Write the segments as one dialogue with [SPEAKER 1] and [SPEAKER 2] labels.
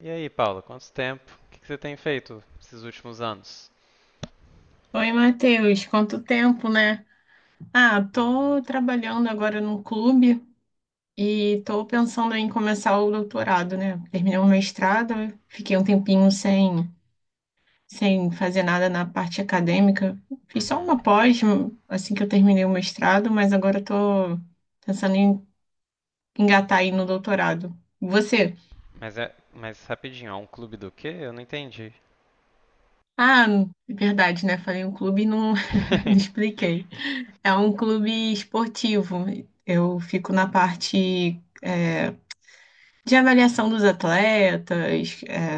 [SPEAKER 1] E aí, Paula, quanto tempo? O que que você tem feito esses últimos anos?
[SPEAKER 2] Oi, Matheus, quanto tempo, né? Ah,
[SPEAKER 1] Uhum,
[SPEAKER 2] tô trabalhando agora num clube e tô pensando em começar o doutorado, né? Terminei o mestrado, fiquei um tempinho sem fazer nada na parte acadêmica. Fiz só
[SPEAKER 1] uhum.
[SPEAKER 2] uma pós assim que eu terminei o mestrado, mas agora tô pensando em engatar aí no doutorado. Você?
[SPEAKER 1] Mas rapidinho, é um clube do quê? Eu não entendi.
[SPEAKER 2] Ah, verdade, né? Falei um clube e não, não expliquei. É um clube esportivo. Eu fico na parte, de avaliação dos atletas,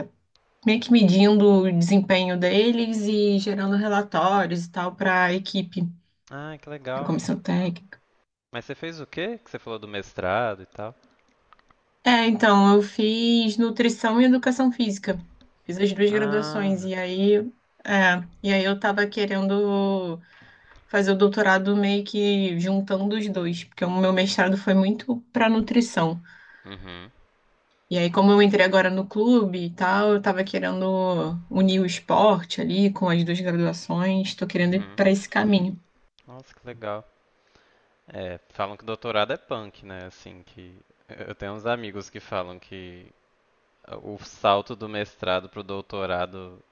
[SPEAKER 2] meio que medindo o desempenho deles e gerando relatórios e tal para a equipe,
[SPEAKER 1] Ah, que
[SPEAKER 2] para a
[SPEAKER 1] legal.
[SPEAKER 2] comissão técnica.
[SPEAKER 1] Mas você fez o quê? Que você falou do mestrado e tal?
[SPEAKER 2] É, então, eu fiz nutrição e educação física. Fiz as duas
[SPEAKER 1] Ah,
[SPEAKER 2] graduações e aí, eu tava querendo fazer o doutorado meio que juntando os dois, porque o meu mestrado foi muito para nutrição.
[SPEAKER 1] uhum,
[SPEAKER 2] E aí, como eu entrei agora no clube e tal, eu tava querendo unir o esporte ali com as duas graduações, tô querendo ir
[SPEAKER 1] uhum.
[SPEAKER 2] para esse caminho.
[SPEAKER 1] Nossa, que legal. É, falam que doutorado é punk, né? Assim, que eu tenho uns amigos que falam que o salto do mestrado pro doutorado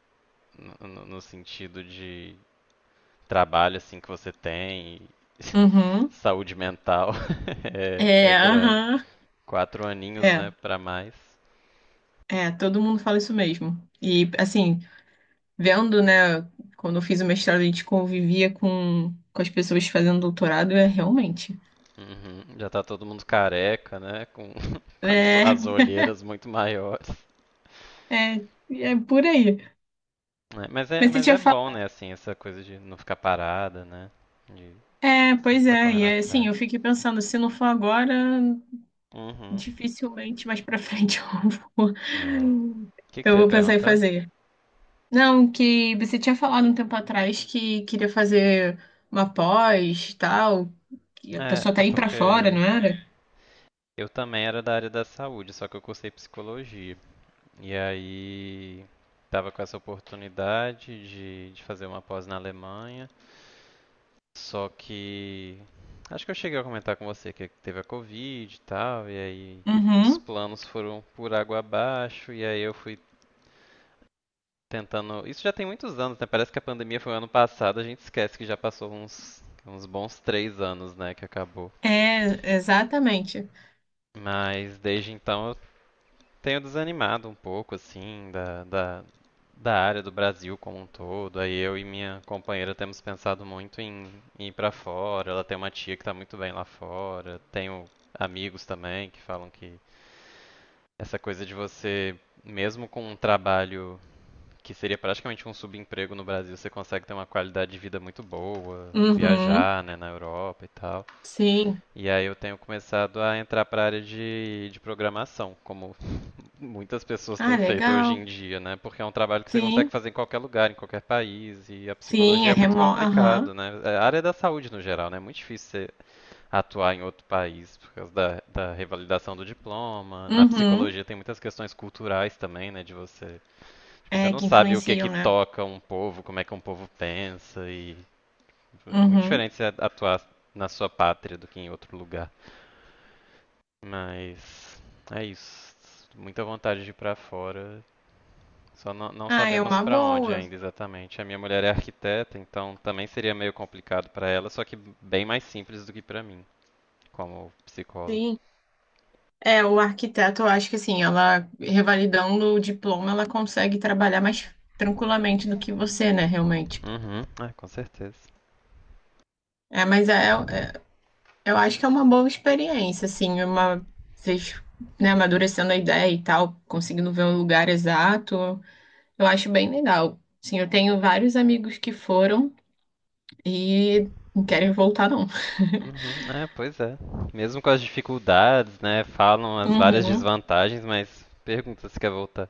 [SPEAKER 1] no sentido de trabalho assim que você tem,
[SPEAKER 2] Uhum.
[SPEAKER 1] saúde mental, é
[SPEAKER 2] É,
[SPEAKER 1] grande.
[SPEAKER 2] aham.
[SPEAKER 1] 4 aninhos,
[SPEAKER 2] É,
[SPEAKER 1] né, para mais.
[SPEAKER 2] é, todo mundo fala isso mesmo. E assim, vendo, né, quando eu fiz o mestrado, a gente convivia com as pessoas fazendo doutorado, é realmente.
[SPEAKER 1] Uhum. Já tá todo mundo careca, né? Com com as,
[SPEAKER 2] É,
[SPEAKER 1] as olheiras muito maiores.
[SPEAKER 2] é por aí.
[SPEAKER 1] Né? Mas é,
[SPEAKER 2] Mas você
[SPEAKER 1] mas
[SPEAKER 2] tinha
[SPEAKER 1] é bom,
[SPEAKER 2] falado.
[SPEAKER 1] né? Assim, essa coisa de não ficar parada, né? De
[SPEAKER 2] É,
[SPEAKER 1] sempre
[SPEAKER 2] pois
[SPEAKER 1] tá
[SPEAKER 2] é.
[SPEAKER 1] correndo
[SPEAKER 2] E assim,
[SPEAKER 1] atrás.
[SPEAKER 2] eu fiquei pensando, se não for agora,
[SPEAKER 1] Uhum.
[SPEAKER 2] dificilmente mais pra frente vou,
[SPEAKER 1] É. O que, que
[SPEAKER 2] eu
[SPEAKER 1] você ia
[SPEAKER 2] vou pensar em
[SPEAKER 1] perguntar?
[SPEAKER 2] fazer. Não, que você tinha falado um tempo atrás que queria fazer uma pós, tal, que a
[SPEAKER 1] É,
[SPEAKER 2] pessoa tá
[SPEAKER 1] é
[SPEAKER 2] indo pra fora,
[SPEAKER 1] porque
[SPEAKER 2] não era?
[SPEAKER 1] eu também era da área da saúde, só que eu cursei psicologia. E aí estava com essa oportunidade de fazer uma pós na Alemanha, só que acho que eu cheguei a comentar com você que teve a Covid e tal, e aí os
[SPEAKER 2] Uhum.
[SPEAKER 1] planos foram por água abaixo, e aí eu fui tentando. Isso já tem muitos anos, né? Parece que a pandemia foi ano passado, a gente esquece que já passou uns bons 3 anos, né, que acabou.
[SPEAKER 2] É, exatamente.
[SPEAKER 1] Mas desde então eu tenho desanimado um pouco, assim, da área do Brasil como um todo. Aí eu e minha companheira temos pensado muito em ir pra fora. Ela tem uma tia que tá muito bem lá fora. Tenho amigos também que falam que essa coisa de você, mesmo com um trabalho que seria praticamente um subemprego no Brasil, você consegue ter uma qualidade de vida muito boa,
[SPEAKER 2] Uhum.
[SPEAKER 1] viajar, né, na Europa e tal.
[SPEAKER 2] Sim.
[SPEAKER 1] E aí eu tenho começado a entrar para a área de programação, como muitas pessoas
[SPEAKER 2] Ah,
[SPEAKER 1] têm feito hoje
[SPEAKER 2] legal.
[SPEAKER 1] em dia, né? Porque é um trabalho que você consegue
[SPEAKER 2] Sim.
[SPEAKER 1] fazer em qualquer lugar, em qualquer país, e a
[SPEAKER 2] Sim,
[SPEAKER 1] psicologia
[SPEAKER 2] é
[SPEAKER 1] é muito
[SPEAKER 2] remoto. Aham.
[SPEAKER 1] complicado, né? É a área da saúde no geral, né? É muito difícil você atuar em outro país por causa da revalidação do diploma. Na
[SPEAKER 2] Uhum.
[SPEAKER 1] psicologia tem muitas questões culturais também, né? De você, tipo, você
[SPEAKER 2] É,
[SPEAKER 1] não
[SPEAKER 2] que
[SPEAKER 1] sabe o que que
[SPEAKER 2] influenciam, né?
[SPEAKER 1] toca um povo, como é que um povo pensa, e é muito
[SPEAKER 2] Uhum.
[SPEAKER 1] diferente você atuar na sua pátria do que em outro lugar. Mas é isso. Muita vontade de ir pra fora. Só não
[SPEAKER 2] Ah, é
[SPEAKER 1] sabemos
[SPEAKER 2] uma
[SPEAKER 1] para onde
[SPEAKER 2] boa.
[SPEAKER 1] ainda exatamente. A minha mulher é arquiteta, então também seria meio complicado para ela, só que bem mais simples do que para mim, como psicólogo.
[SPEAKER 2] Sim. É, o arquiteto, eu acho que assim, ela revalidando o diploma, ela consegue trabalhar mais tranquilamente do que você, né, realmente.
[SPEAKER 1] Uhum, é, com certeza.
[SPEAKER 2] É, mas eu acho que é uma boa experiência, assim, uma vocês, né, amadurecendo a ideia e tal, conseguindo ver o lugar exato, eu acho bem legal. Sim, eu tenho vários amigos que foram e não querem voltar, não.
[SPEAKER 1] Uhum, é, pois é. Mesmo com as dificuldades, né? Falam as várias
[SPEAKER 2] Uhum.
[SPEAKER 1] desvantagens, mas pergunta se quer voltar.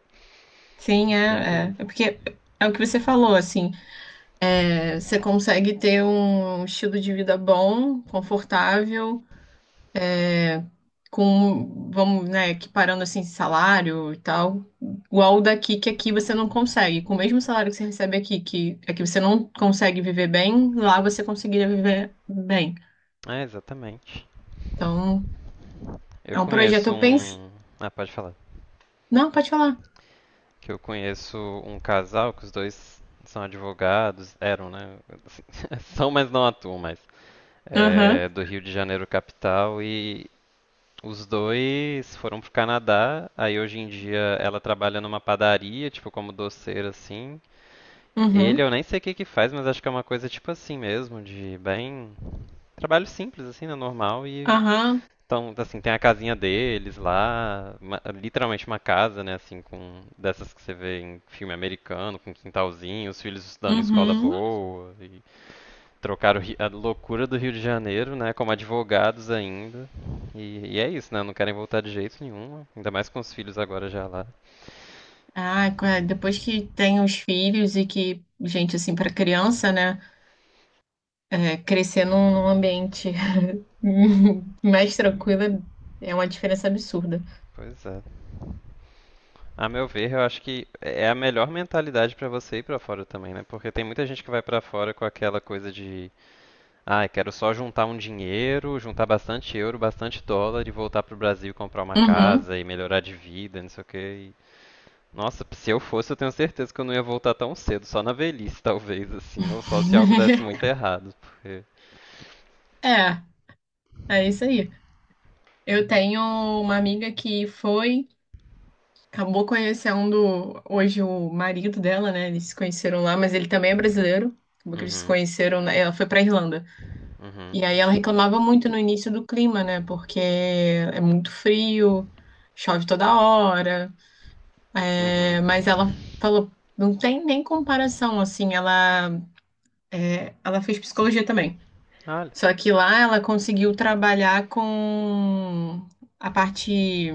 [SPEAKER 2] Sim,
[SPEAKER 1] Sempre
[SPEAKER 2] é, é.
[SPEAKER 1] isso.
[SPEAKER 2] É porque é o que você falou, assim, você consegue ter um estilo de vida bom, confortável, é, com, vamos, né, equiparando assim salário e tal, igual o daqui que aqui você não consegue. Com o mesmo salário que você recebe aqui, que aqui você não consegue viver bem, lá você conseguiria viver bem.
[SPEAKER 1] É, exatamente.
[SPEAKER 2] Então,
[SPEAKER 1] Eu
[SPEAKER 2] é um projeto,
[SPEAKER 1] conheço
[SPEAKER 2] eu penso.
[SPEAKER 1] um. Ah, pode falar.
[SPEAKER 2] Não, pode falar.
[SPEAKER 1] Que eu conheço um casal que os dois são advogados, eram, né? São, mas não atuam mais.
[SPEAKER 2] Aham,
[SPEAKER 1] É, do Rio de Janeiro capital e os dois foram pro Canadá. Aí hoje em dia ela trabalha numa padaria, tipo como doceira assim. Ele
[SPEAKER 2] uhum,
[SPEAKER 1] eu nem sei o que que faz, mas acho que é uma coisa tipo assim mesmo, de bem trabalho simples assim, né, normal, e
[SPEAKER 2] aham,
[SPEAKER 1] então, assim, tem a casinha deles lá, literalmente uma casa, né, assim, com dessas que você vê em filme americano, com quintalzinho, os filhos estudando em escola
[SPEAKER 2] uhum.
[SPEAKER 1] boa e trocaram a loucura do Rio de Janeiro, né? Como advogados ainda. E é isso, né? Não querem voltar de jeito nenhum. Ainda mais com os filhos agora já lá.
[SPEAKER 2] Ah, depois que tem os filhos e que, gente, assim, para criança, né? É, crescer num ambiente mais tranquilo é uma diferença absurda.
[SPEAKER 1] Pois é. A meu ver, eu acho que é a melhor mentalidade pra você ir pra fora também, né? Porque tem muita gente que vai pra fora com aquela coisa de, ah, quero só juntar um dinheiro, juntar bastante euro, bastante dólar e voltar pro Brasil e comprar uma
[SPEAKER 2] Uhum.
[SPEAKER 1] casa e melhorar de vida, não sei o quê. Nossa, se eu fosse, eu tenho certeza que eu não ia voltar tão cedo, só na velhice, talvez, assim, ou só se algo desse muito errado, porque.
[SPEAKER 2] É, é isso aí. Eu tenho uma amiga que foi, acabou conhecendo hoje o marido dela, né? Eles se conheceram lá, mas ele também é brasileiro. Acabou que eles se
[SPEAKER 1] Uhum,
[SPEAKER 2] conheceram, ela foi pra Irlanda.
[SPEAKER 1] uhum,
[SPEAKER 2] E aí ela reclamava muito no início do clima, né? Porque é muito frio, chove toda hora.
[SPEAKER 1] uhum.
[SPEAKER 2] É, mas ela falou, não tem nem comparação, assim, ela fez psicologia também.
[SPEAKER 1] Olha.
[SPEAKER 2] Só que lá ela conseguiu trabalhar com a parte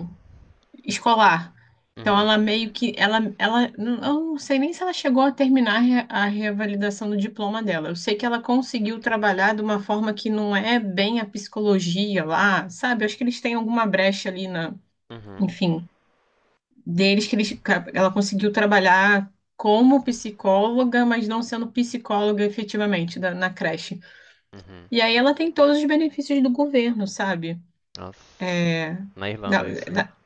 [SPEAKER 2] escolar. Então
[SPEAKER 1] Uhum,
[SPEAKER 2] ela meio que ela ela eu não sei nem se ela chegou a terminar a reavalidação do diploma dela. Eu sei que ela conseguiu trabalhar de uma forma que não é bem a psicologia lá, sabe? Eu acho que eles têm alguma brecha ali na,
[SPEAKER 1] uhum,
[SPEAKER 2] enfim, deles que ela conseguiu trabalhar como psicóloga, mas não sendo psicóloga efetivamente na creche.
[SPEAKER 1] uhum.
[SPEAKER 2] E aí ela tem todos os benefícios do governo, sabe?
[SPEAKER 1] Nossa,
[SPEAKER 2] É,
[SPEAKER 1] na
[SPEAKER 2] na,
[SPEAKER 1] Irlanda isso, né?
[SPEAKER 2] na-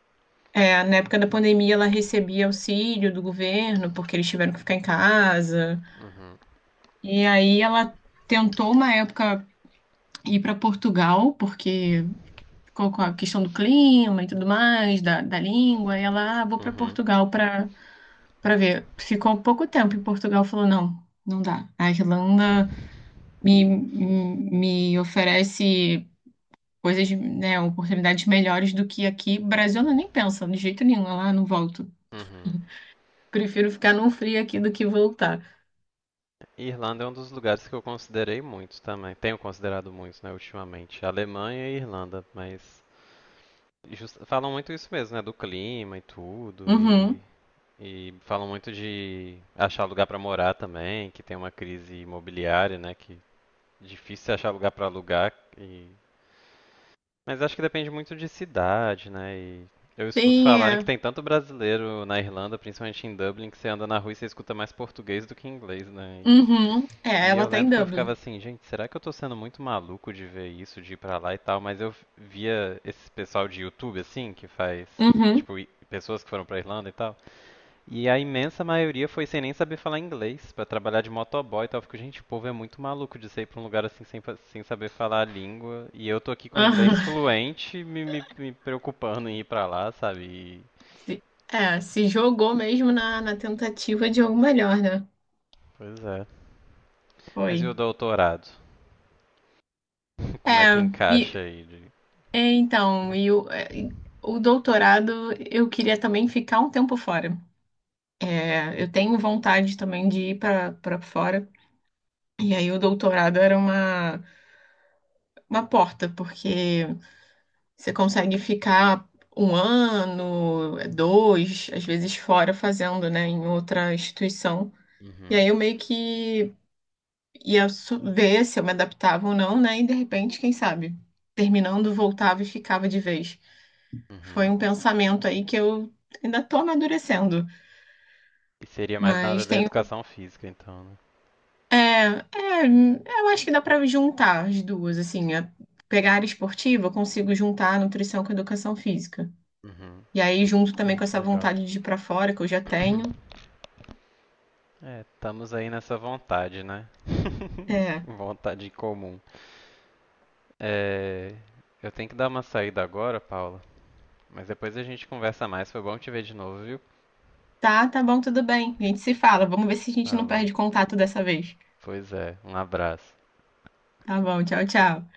[SPEAKER 2] na época da pandemia ela recebia auxílio do governo, porque eles tiveram que ficar em casa. E aí ela tentou uma época ir para Portugal, porque ficou com a questão do clima e tudo mais, da língua, e ela, ah, vou para
[SPEAKER 1] Uhum,
[SPEAKER 2] Portugal para Pra ver, ficou pouco tempo em Portugal, falou, não, não dá. A Irlanda me oferece coisas, né, oportunidades melhores do que aqui. Brasil ela nem pensa, de jeito nenhum, ela, "Ah, não volto.
[SPEAKER 1] uhum.
[SPEAKER 2] Prefiro ficar num frio aqui do que voltar."
[SPEAKER 1] Irlanda é um dos lugares que eu considerei muito também. Tenho considerado muito, né, ultimamente. Alemanha e Irlanda, mas e falam muito isso mesmo, né? Do clima e tudo. E,
[SPEAKER 2] Uhum.
[SPEAKER 1] e falam muito de achar lugar pra morar também, que tem uma crise imobiliária, né? Que é difícil achar lugar pra alugar. E... Mas acho que depende muito de cidade, né? E eu escuto
[SPEAKER 2] Sim,
[SPEAKER 1] falarem que
[SPEAKER 2] é.
[SPEAKER 1] tem tanto brasileiro na Irlanda, principalmente em Dublin, que você anda na rua e você escuta mais português do que inglês, né?
[SPEAKER 2] Uhum. É,
[SPEAKER 1] E eu
[SPEAKER 2] ela tá em
[SPEAKER 1] lembro que eu
[SPEAKER 2] Dublin.
[SPEAKER 1] ficava assim, gente, será que eu tô sendo muito maluco de ver isso, de ir pra lá e tal? Mas eu via esse pessoal de YouTube, assim, que faz,
[SPEAKER 2] Uhum.
[SPEAKER 1] tipo, pessoas que foram pra Irlanda e tal. E a imensa maioria foi sem nem saber falar inglês, pra trabalhar de motoboy e tal. Eu fico, gente, o povo é muito maluco de sair pra um lugar assim sem saber falar a língua. E eu tô aqui com o inglês
[SPEAKER 2] Aham.
[SPEAKER 1] fluente, me preocupando em ir pra lá, sabe? E-
[SPEAKER 2] Se- É, se jogou mesmo na tentativa de algo melhor, né?
[SPEAKER 1] Pois é. Mas e
[SPEAKER 2] Foi.
[SPEAKER 1] o doutorado? Como é que
[SPEAKER 2] É,
[SPEAKER 1] encaixa
[SPEAKER 2] e
[SPEAKER 1] aí?
[SPEAKER 2] É, então, o doutorado eu queria também ficar um tempo fora. É, eu tenho vontade também de ir para fora. E aí o doutorado era uma porta, porque você consegue ficar um ano, dois, às vezes fora fazendo, né, em outra instituição. E
[SPEAKER 1] Uhum,
[SPEAKER 2] aí eu meio que ia ver se eu me adaptava ou não, né? E de repente, quem sabe, terminando, voltava e ficava de vez. Foi
[SPEAKER 1] uhum.
[SPEAKER 2] um pensamento aí que eu ainda tô amadurecendo,
[SPEAKER 1] E seria mais na hora
[SPEAKER 2] mas
[SPEAKER 1] da
[SPEAKER 2] tenho.
[SPEAKER 1] educação física, então, né?
[SPEAKER 2] É, eu acho que dá pra juntar as duas, assim. Pegar a área esportiva, eu consigo juntar a nutrição com a educação física.
[SPEAKER 1] Uhum.
[SPEAKER 2] E aí, junto também
[SPEAKER 1] Ah,
[SPEAKER 2] com
[SPEAKER 1] que
[SPEAKER 2] essa
[SPEAKER 1] legal.
[SPEAKER 2] vontade de ir pra fora que eu já tenho.
[SPEAKER 1] É, estamos aí nessa vontade, né?
[SPEAKER 2] É,
[SPEAKER 1] Vontade comum. É, eu tenho que dar uma saída agora, Paula. Mas depois a gente conversa mais. Foi bom te ver de novo, viu?
[SPEAKER 2] tá, tá bom, tudo bem. A gente se fala. Vamos ver se a gente não
[SPEAKER 1] Falou.
[SPEAKER 2] perde contato dessa vez.
[SPEAKER 1] Pois é, um abraço.
[SPEAKER 2] Tá bom, tchau, tchau.